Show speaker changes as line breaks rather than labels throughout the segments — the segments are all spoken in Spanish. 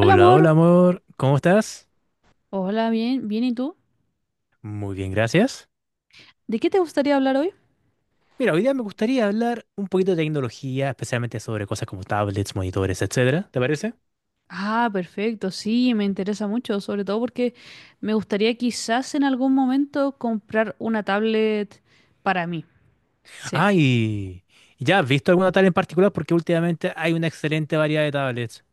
Hola amor,
hola amor, ¿cómo estás?
hola, bien, bien, ¿y tú?
Muy bien, gracias.
¿De qué te gustaría hablar hoy?
Mira, hoy día me gustaría hablar un poquito de tecnología, especialmente sobre cosas como tablets, monitores, etcétera, ¿te parece?
Ah, perfecto, sí, me interesa mucho, sobre todo porque me gustaría quizás en algún momento comprar una tablet para mí. Sí,
Ah, y ¿ya has visto alguna tablet en particular? Porque últimamente hay una excelente variedad de tablets.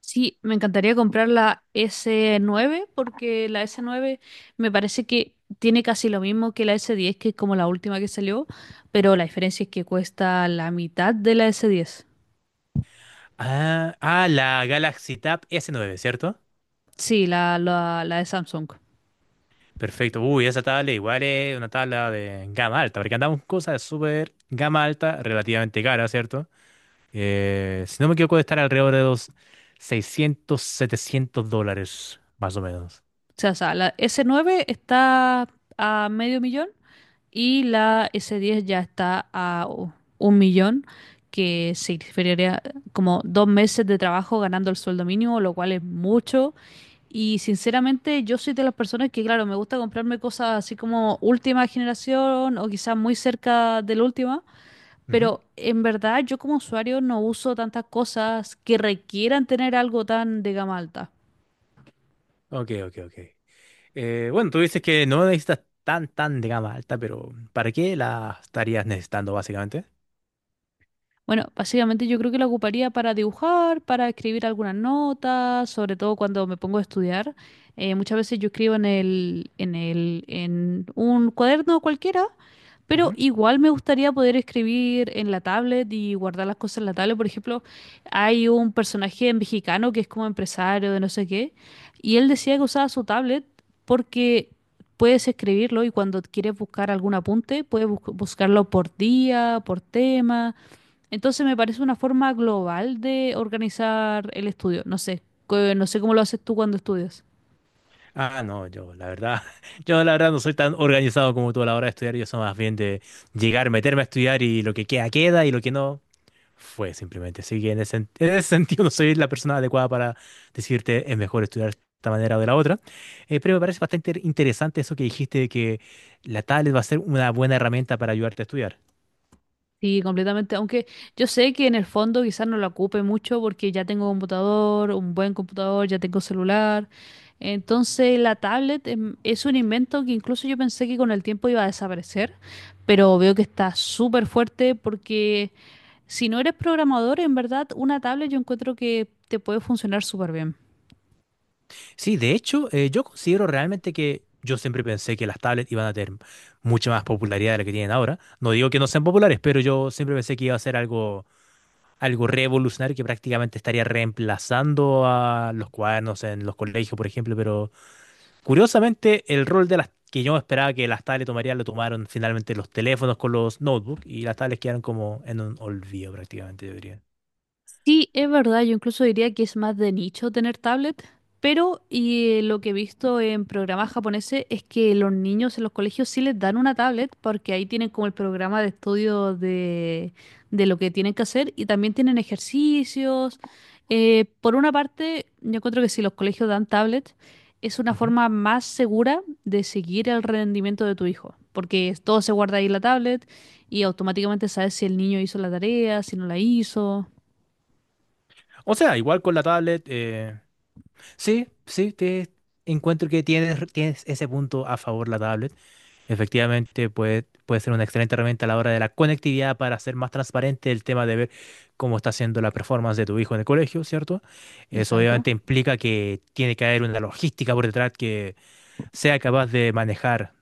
sí, me encantaría comprar la S9 porque la S9 me parece que tiene casi lo mismo que la S10, que es como la última que salió, pero la diferencia es que cuesta la mitad de la S10.
Ah, ah, la Galaxy Tab S9, ¿cierto?
Sí, la de Samsung.
Perfecto. Uy, esa tablet igual es una tabla de gama alta, porque andamos con cosas de súper gama alta, relativamente cara, ¿cierto? Si no me equivoco, de estar alrededor de los 600 700 dólares, más o menos.
O sea, la S9 está a medio millón y la S10 ya está a un millón, que significaría como 2 meses de trabajo ganando el sueldo mínimo, lo cual es mucho. Y sinceramente yo soy de las personas que, claro, me gusta comprarme cosas así como última generación o quizás muy cerca de la última,
Ujú.
pero en verdad yo como usuario no uso tantas cosas que requieran tener algo tan de gama alta.
Ok, ok, ok. Bueno, tú dices que no necesitas tan de gama alta, pero ¿para qué la estarías necesitando, básicamente?
Bueno, básicamente yo creo que la ocuparía para dibujar, para escribir algunas notas, sobre todo cuando me pongo a estudiar. Muchas veces yo escribo en un cuaderno cualquiera, pero
Ujú.
igual me gustaría poder escribir en la tablet y guardar las cosas en la tablet. Por ejemplo, hay un personaje mexicano que es como empresario de no sé qué, y él decía que usaba su tablet porque puedes escribirlo y cuando quieres buscar algún apunte, puedes buscarlo por día, por tema. Entonces me parece una forma global de organizar el estudio. No sé, no sé cómo lo haces tú cuando estudias.
Ah, no, yo, la verdad, yo la verdad no soy tan organizado como tú a la hora de estudiar, yo soy más bien de llegar, meterme a estudiar y lo que queda, queda y lo que no. Fue simplemente. Así que en ese sentido no soy la persona adecuada para decirte es mejor estudiar de esta manera o de la otra. Pero me parece bastante interesante eso que dijiste de que la tablet va a ser una buena herramienta para ayudarte a estudiar.
Sí, completamente. Aunque yo sé que en el fondo quizás no lo ocupe mucho porque ya tengo computador, un buen computador, ya tengo celular. Entonces la tablet es un invento que incluso yo pensé que con el tiempo iba a desaparecer, pero veo que está súper fuerte porque si no eres programador, en verdad una tablet yo encuentro que te puede funcionar súper bien.
Sí, de hecho, yo considero realmente que yo siempre pensé que las tablets iban a tener mucha más popularidad de la que tienen ahora. No digo que no sean populares, pero yo siempre pensé que iba a ser algo, algo revolucionario que prácticamente estaría reemplazando a los cuadernos en los colegios, por ejemplo, pero curiosamente, el rol de las que yo esperaba que las tablets tomarían, lo tomaron finalmente los teléfonos con los notebooks y las tablets quedaron como en un olvido prácticamente, yo diría.
Sí, es verdad, yo incluso diría que es más de nicho tener tablet, pero y lo que he visto en programas japoneses es que los niños en los colegios sí les dan una tablet porque ahí tienen como el programa de estudio de lo que tienen que hacer y también tienen ejercicios. Por una parte, yo encuentro que si los colegios dan tablet es una
Ujú.
forma más segura de seguir el rendimiento de tu hijo, porque todo se guarda ahí en la tablet y automáticamente sabes si el niño hizo la tarea, si no la hizo.
O sea, igual con la tablet, sí, sí, te encuentro que tienes ese punto a favor la tablet. Efectivamente, puede ser una excelente herramienta a la hora de la conectividad para hacer más transparente el tema de ver cómo está haciendo la performance de tu hijo en el colegio, ¿cierto? Eso
Exacto.
obviamente implica que tiene que haber una logística por detrás que sea capaz de manejar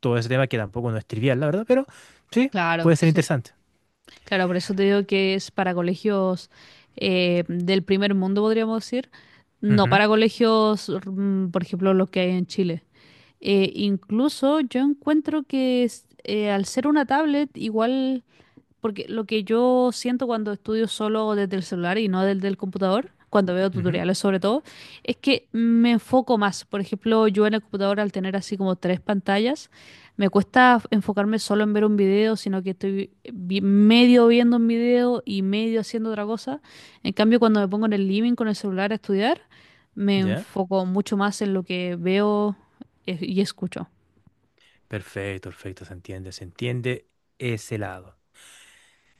todo ese tema, que tampoco no es trivial, la verdad, pero sí,
Claro,
puede ser
sí.
interesante.
Claro, por eso te digo que es para colegios del primer mundo, podríamos decir. No
Ujú,
para colegios, por ejemplo, los que hay en Chile. Incluso yo encuentro que al ser una tablet, igual. Porque lo que yo siento cuando estudio solo desde el celular y no desde el computador, cuando veo
ujú,
tutoriales sobre todo, es que me enfoco más. Por ejemplo, yo en el computador al tener así como 3 pantallas, me cuesta enfocarme solo en ver un video, sino que estoy medio viendo un video y medio haciendo otra cosa. En cambio, cuando me pongo en el living con el celular a estudiar, me
¿ya?
enfoco mucho más en lo que veo y escucho.
Perfecto, perfecto, se entiende ese lado.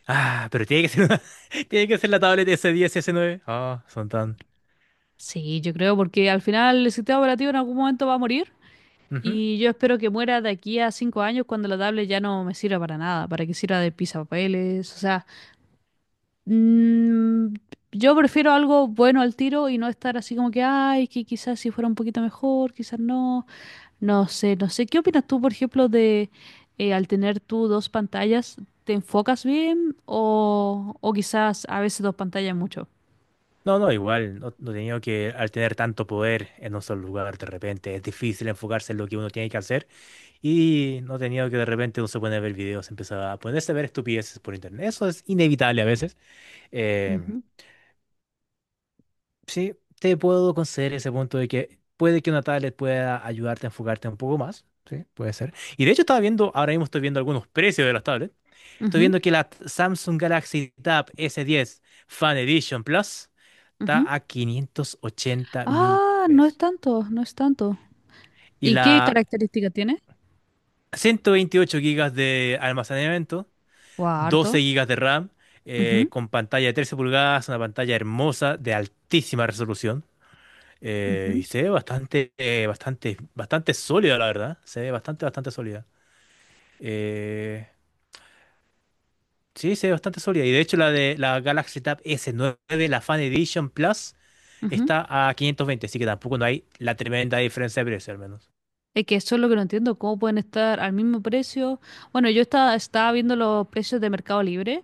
Ah, pero tiene que ser una- tiene que ser la tableta s diez y S9. Ah, son tan...
Sí, yo creo porque al final el sistema operativo en algún momento va a morir.
ujú.
Y yo espero que muera de aquí a 5 años cuando la tablet ya no me sirva para nada, para que sirva de papeles o sea, mm, yo prefiero algo bueno al tiro y no estar así como que, ay, que quizás si fuera un poquito mejor, quizás no, no sé, no sé. ¿Qué opinas tú, por ejemplo, de al tener tú 2 pantallas, te enfocas bien o quizás a veces 2 pantallas es mucho?
No, no, igual, no, no tenía que, al tener tanto poder en un solo lugar, de repente es difícil enfocarse en lo que uno tiene que hacer y no tenía que de repente uno se pone a ver videos, empezaba a ponerse a ver estupideces por internet. Eso es inevitable a veces. Em,
Ujú,
sí, te puedo conceder ese punto de que puede que una tablet pueda ayudarte a enfocarte un poco más, sí, puede ser. Y de hecho estaba viendo, ahora mismo estoy viendo algunos precios de las tablets. Estoy
ujú,
viendo que la Samsung Galaxy Tab S10 Fan Edition Plus.
ujú.
Está a 580 mil
Ah, no es
pesos.
tanto, no es tanto.
Y
¿Y qué
la
característica tiene?
128 gigas de almacenamiento,
Guau,
12
harto.
gigas de RAM,
Ujú,
con pantalla de 13 pulgadas, una pantalla hermosa de altísima resolución. Y
ujú,
se ve bastante, bastante sólida, la verdad. Se ve bastante sólida. Eh, sí, se ve bastante sólida. Y de hecho, la de la Galaxy Tab S9, la Fan Edition Plus,
ujú.
está a 520 así que tampoco no hay la tremenda diferencia de precio, al menos.
Es que eso es lo que no entiendo, cómo pueden estar al mismo precio. Bueno, yo estaba viendo los precios de Mercado Libre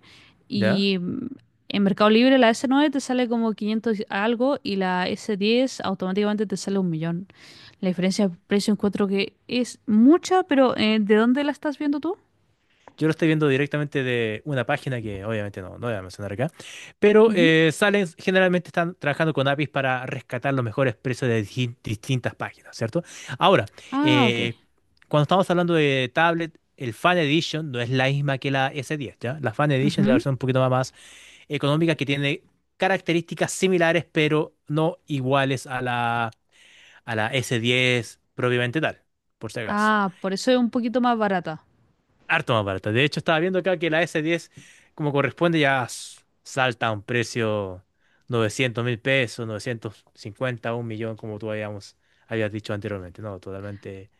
¿Ya?
y en Mercado Libre la S9 te sale como 500 algo y la S10 automáticamente te sale un millón. La diferencia de precio encuentro que es mucha, pero ¿de dónde la estás viendo tú?
Yo lo estoy viendo directamente de una página que obviamente no voy a mencionar acá, pero
Ujú.
salen, generalmente están trabajando con APIs para rescatar los mejores precios de di- distintas páginas, ¿cierto? Ahora,
Ah, ok.
eh, cuando estamos hablando de tablet, el Fan Edition no es la misma que la S10, ¿ya? La Fan Edition es la
Ujú.
versión un poquito más económica que tiene características similares, pero no iguales a la S10 propiamente tal, por si acaso.
Ah, por eso es un poquito más barata.
Harto más barata. De hecho, estaba viendo acá que la S10, como corresponde, ya s- salta a un precio 900 mil pesos, 950, un millón, como tú habíamos, habías dicho anteriormente. No, totalmente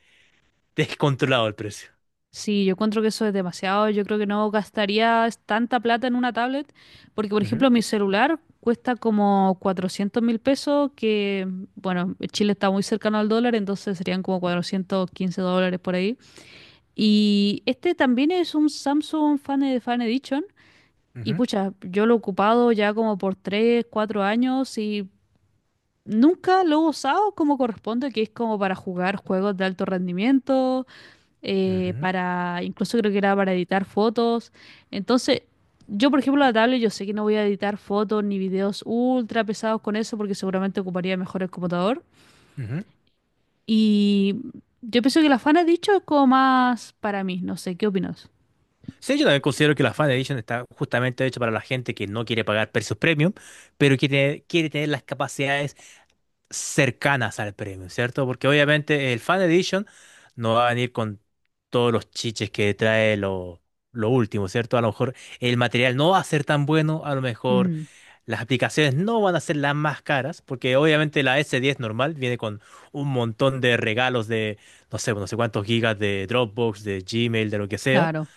descontrolado el precio.
Sí, yo encuentro que eso es demasiado. Yo creo que no gastaría tanta plata en una tablet, porque por
Ujú,
ejemplo mi celular cuesta como 400.000 pesos, que bueno, Chile está muy cercano al dólar, entonces serían como 415 dólares por ahí. Y este también es un Samsung Fan Edition, y
ujú,
pucha, yo lo he ocupado ya como por 3, 4 años y nunca lo he usado como corresponde, que es como para jugar juegos de alto rendimiento
ujú,
para, incluso creo que era para editar fotos. Entonces, yo, por ejemplo, la tablet, yo sé que no voy a editar fotos ni videos ultra pesados con eso porque seguramente ocuparía mejor el computador.
ujú.
Y yo pienso que la fan ha dicho es como más para mí, no sé, ¿qué opinas?
Sí, yo también considero que la Fan Edition está justamente hecha para la gente que no quiere pagar precios premium, pero quiere tener las capacidades cercanas al premio, ¿cierto? Porque obviamente el Fan Edition no va a venir con todos los chiches que trae lo último, ¿cierto? A lo mejor el material no va a ser tan bueno, a lo mejor
Mm,
las aplicaciones no van a ser las más caras, porque obviamente la S10 normal viene con un montón de regalos de, no sé cuántos gigas de Dropbox, de Gmail, de lo que sea.
claro,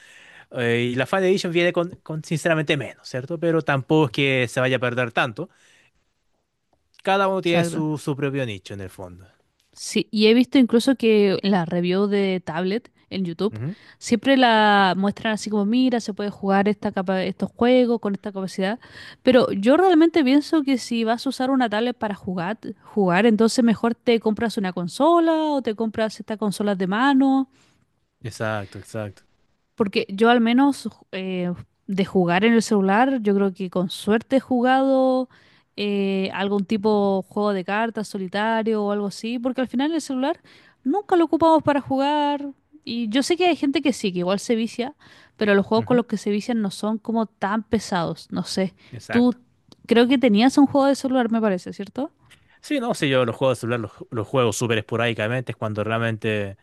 Y la Fan Edition viene con sinceramente menos, ¿cierto? Pero tampoco es que se vaya a perder tanto. Cada uno tiene
exacto.
su propio nicho en el fondo.
Sí, y he visto incluso que en las reviews de tablet en YouTube siempre la muestran así como, mira, se puede jugar estos juegos con esta capacidad, pero yo realmente pienso que si vas a usar una tablet para jugar, jugar, entonces mejor te compras una consola o te compras estas consolas de mano
Exacto, exacto.
porque yo al menos de jugar en el celular, yo creo que con suerte he jugado algún tipo de juego de cartas, solitario o algo así, porque al final el celular nunca lo ocupamos para jugar. Y yo sé que hay gente que sí, que igual se vicia, pero los juegos con
Ujú,
los que se vician no son como tan pesados, no sé. Tú
exacto.
creo que tenías un juego de celular, me parece, ¿cierto?
Sí, no, sí, yo los juegos de celular los juego súper esporádicamente, es cuando realmente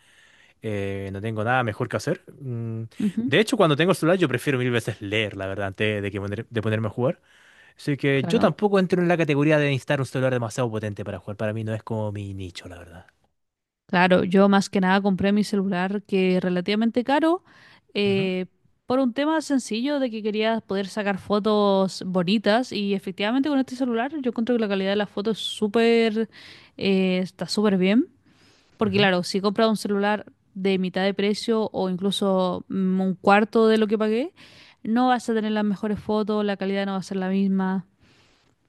no tengo nada mejor que hacer. Mm,
Ujú,
de hecho, cuando tengo el celular yo prefiero mil veces leer, la verdad, antes de que poner- de ponerme a jugar. Así que yo
claro.
tampoco entro en la categoría de necesitar un celular demasiado potente para jugar. Para mí no es como mi nicho, la verdad.
Claro, yo más que nada compré mi celular que es relativamente caro
Ujú,
eh, por un tema sencillo de que quería poder sacar fotos bonitas y efectivamente con este celular yo encuentro que la calidad de las fotos es súper está súper bien porque
ujú.
claro, si compras un celular de mitad de precio o incluso un cuarto de lo que pagué, no vas a tener las mejores fotos, la calidad no va a ser la misma,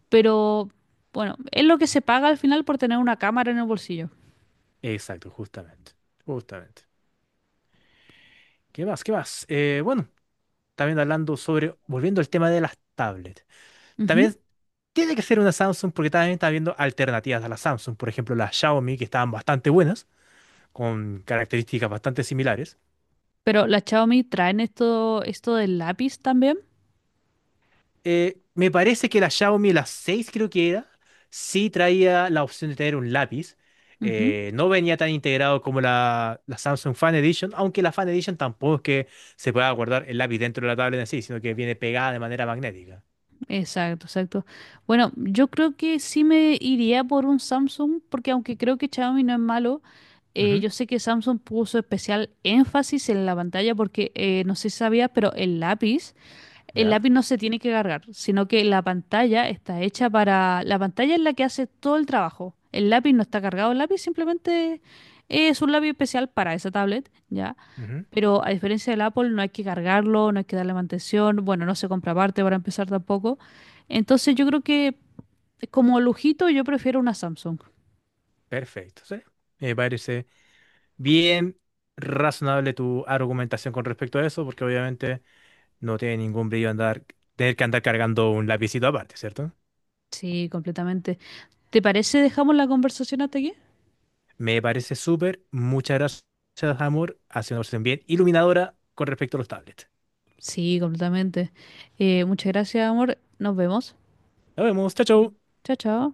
pero bueno, es lo que se paga al final por tener una cámara en el bolsillo.
Exacto, justamente. Justamente. ¿Qué más? ¿Qué más? Bueno, también hablando sobre, volviendo al tema de las tablets.
Ujú.
También tiene que ser una Samsung porque también está viendo alternativas a la Samsung. Por ejemplo, las Xiaomi, que estaban bastante buenas, con características bastante similares.
Pero las Xiaomi traen esto del lápiz también.
Me parece que la Xiaomi, la 6 creo que era, sí traía la opción de tener un lápiz.
Ujú,
No venía tan integrado como la Samsung Fan Edition, aunque la Fan Edition tampoco es que se pueda guardar el lápiz dentro de la tablet en sí, sino que viene pegada de manera magnética.
exacto, exacto. Bueno, yo creo que sí me iría por un Samsung, porque aunque creo que Xiaomi no es malo,
Ujú,
yo sé que Samsung puso especial énfasis en la pantalla, porque no sé si sabías, pero el
ya,
lápiz no se tiene que cargar, sino que la pantalla está hecha para. La pantalla es la que hace todo el trabajo. El lápiz no está cargado, el lápiz simplemente es un lápiz especial para esa tablet, ¿ya?
ujú,
Pero a diferencia del Apple, no hay que cargarlo, no hay que darle mantención, bueno, no se compra aparte para empezar tampoco. Entonces yo creo que como lujito yo prefiero una Samsung.
perfecto, sí. Me parece bien razonable tu argumentación con respecto a eso, porque obviamente no tiene ningún brillo andar, tener que andar cargando un lapicito aparte, ¿cierto?
Sí, completamente. ¿Te parece dejamos la conversación hasta aquí?
Me parece súper. Muchas gracias, amor. Ha sido una conversación bien iluminadora con respecto a los tablets.
Sí, completamente. Muchas gracias, amor. Nos vemos.
Nos vemos. Chao, chao.
Chao, chao.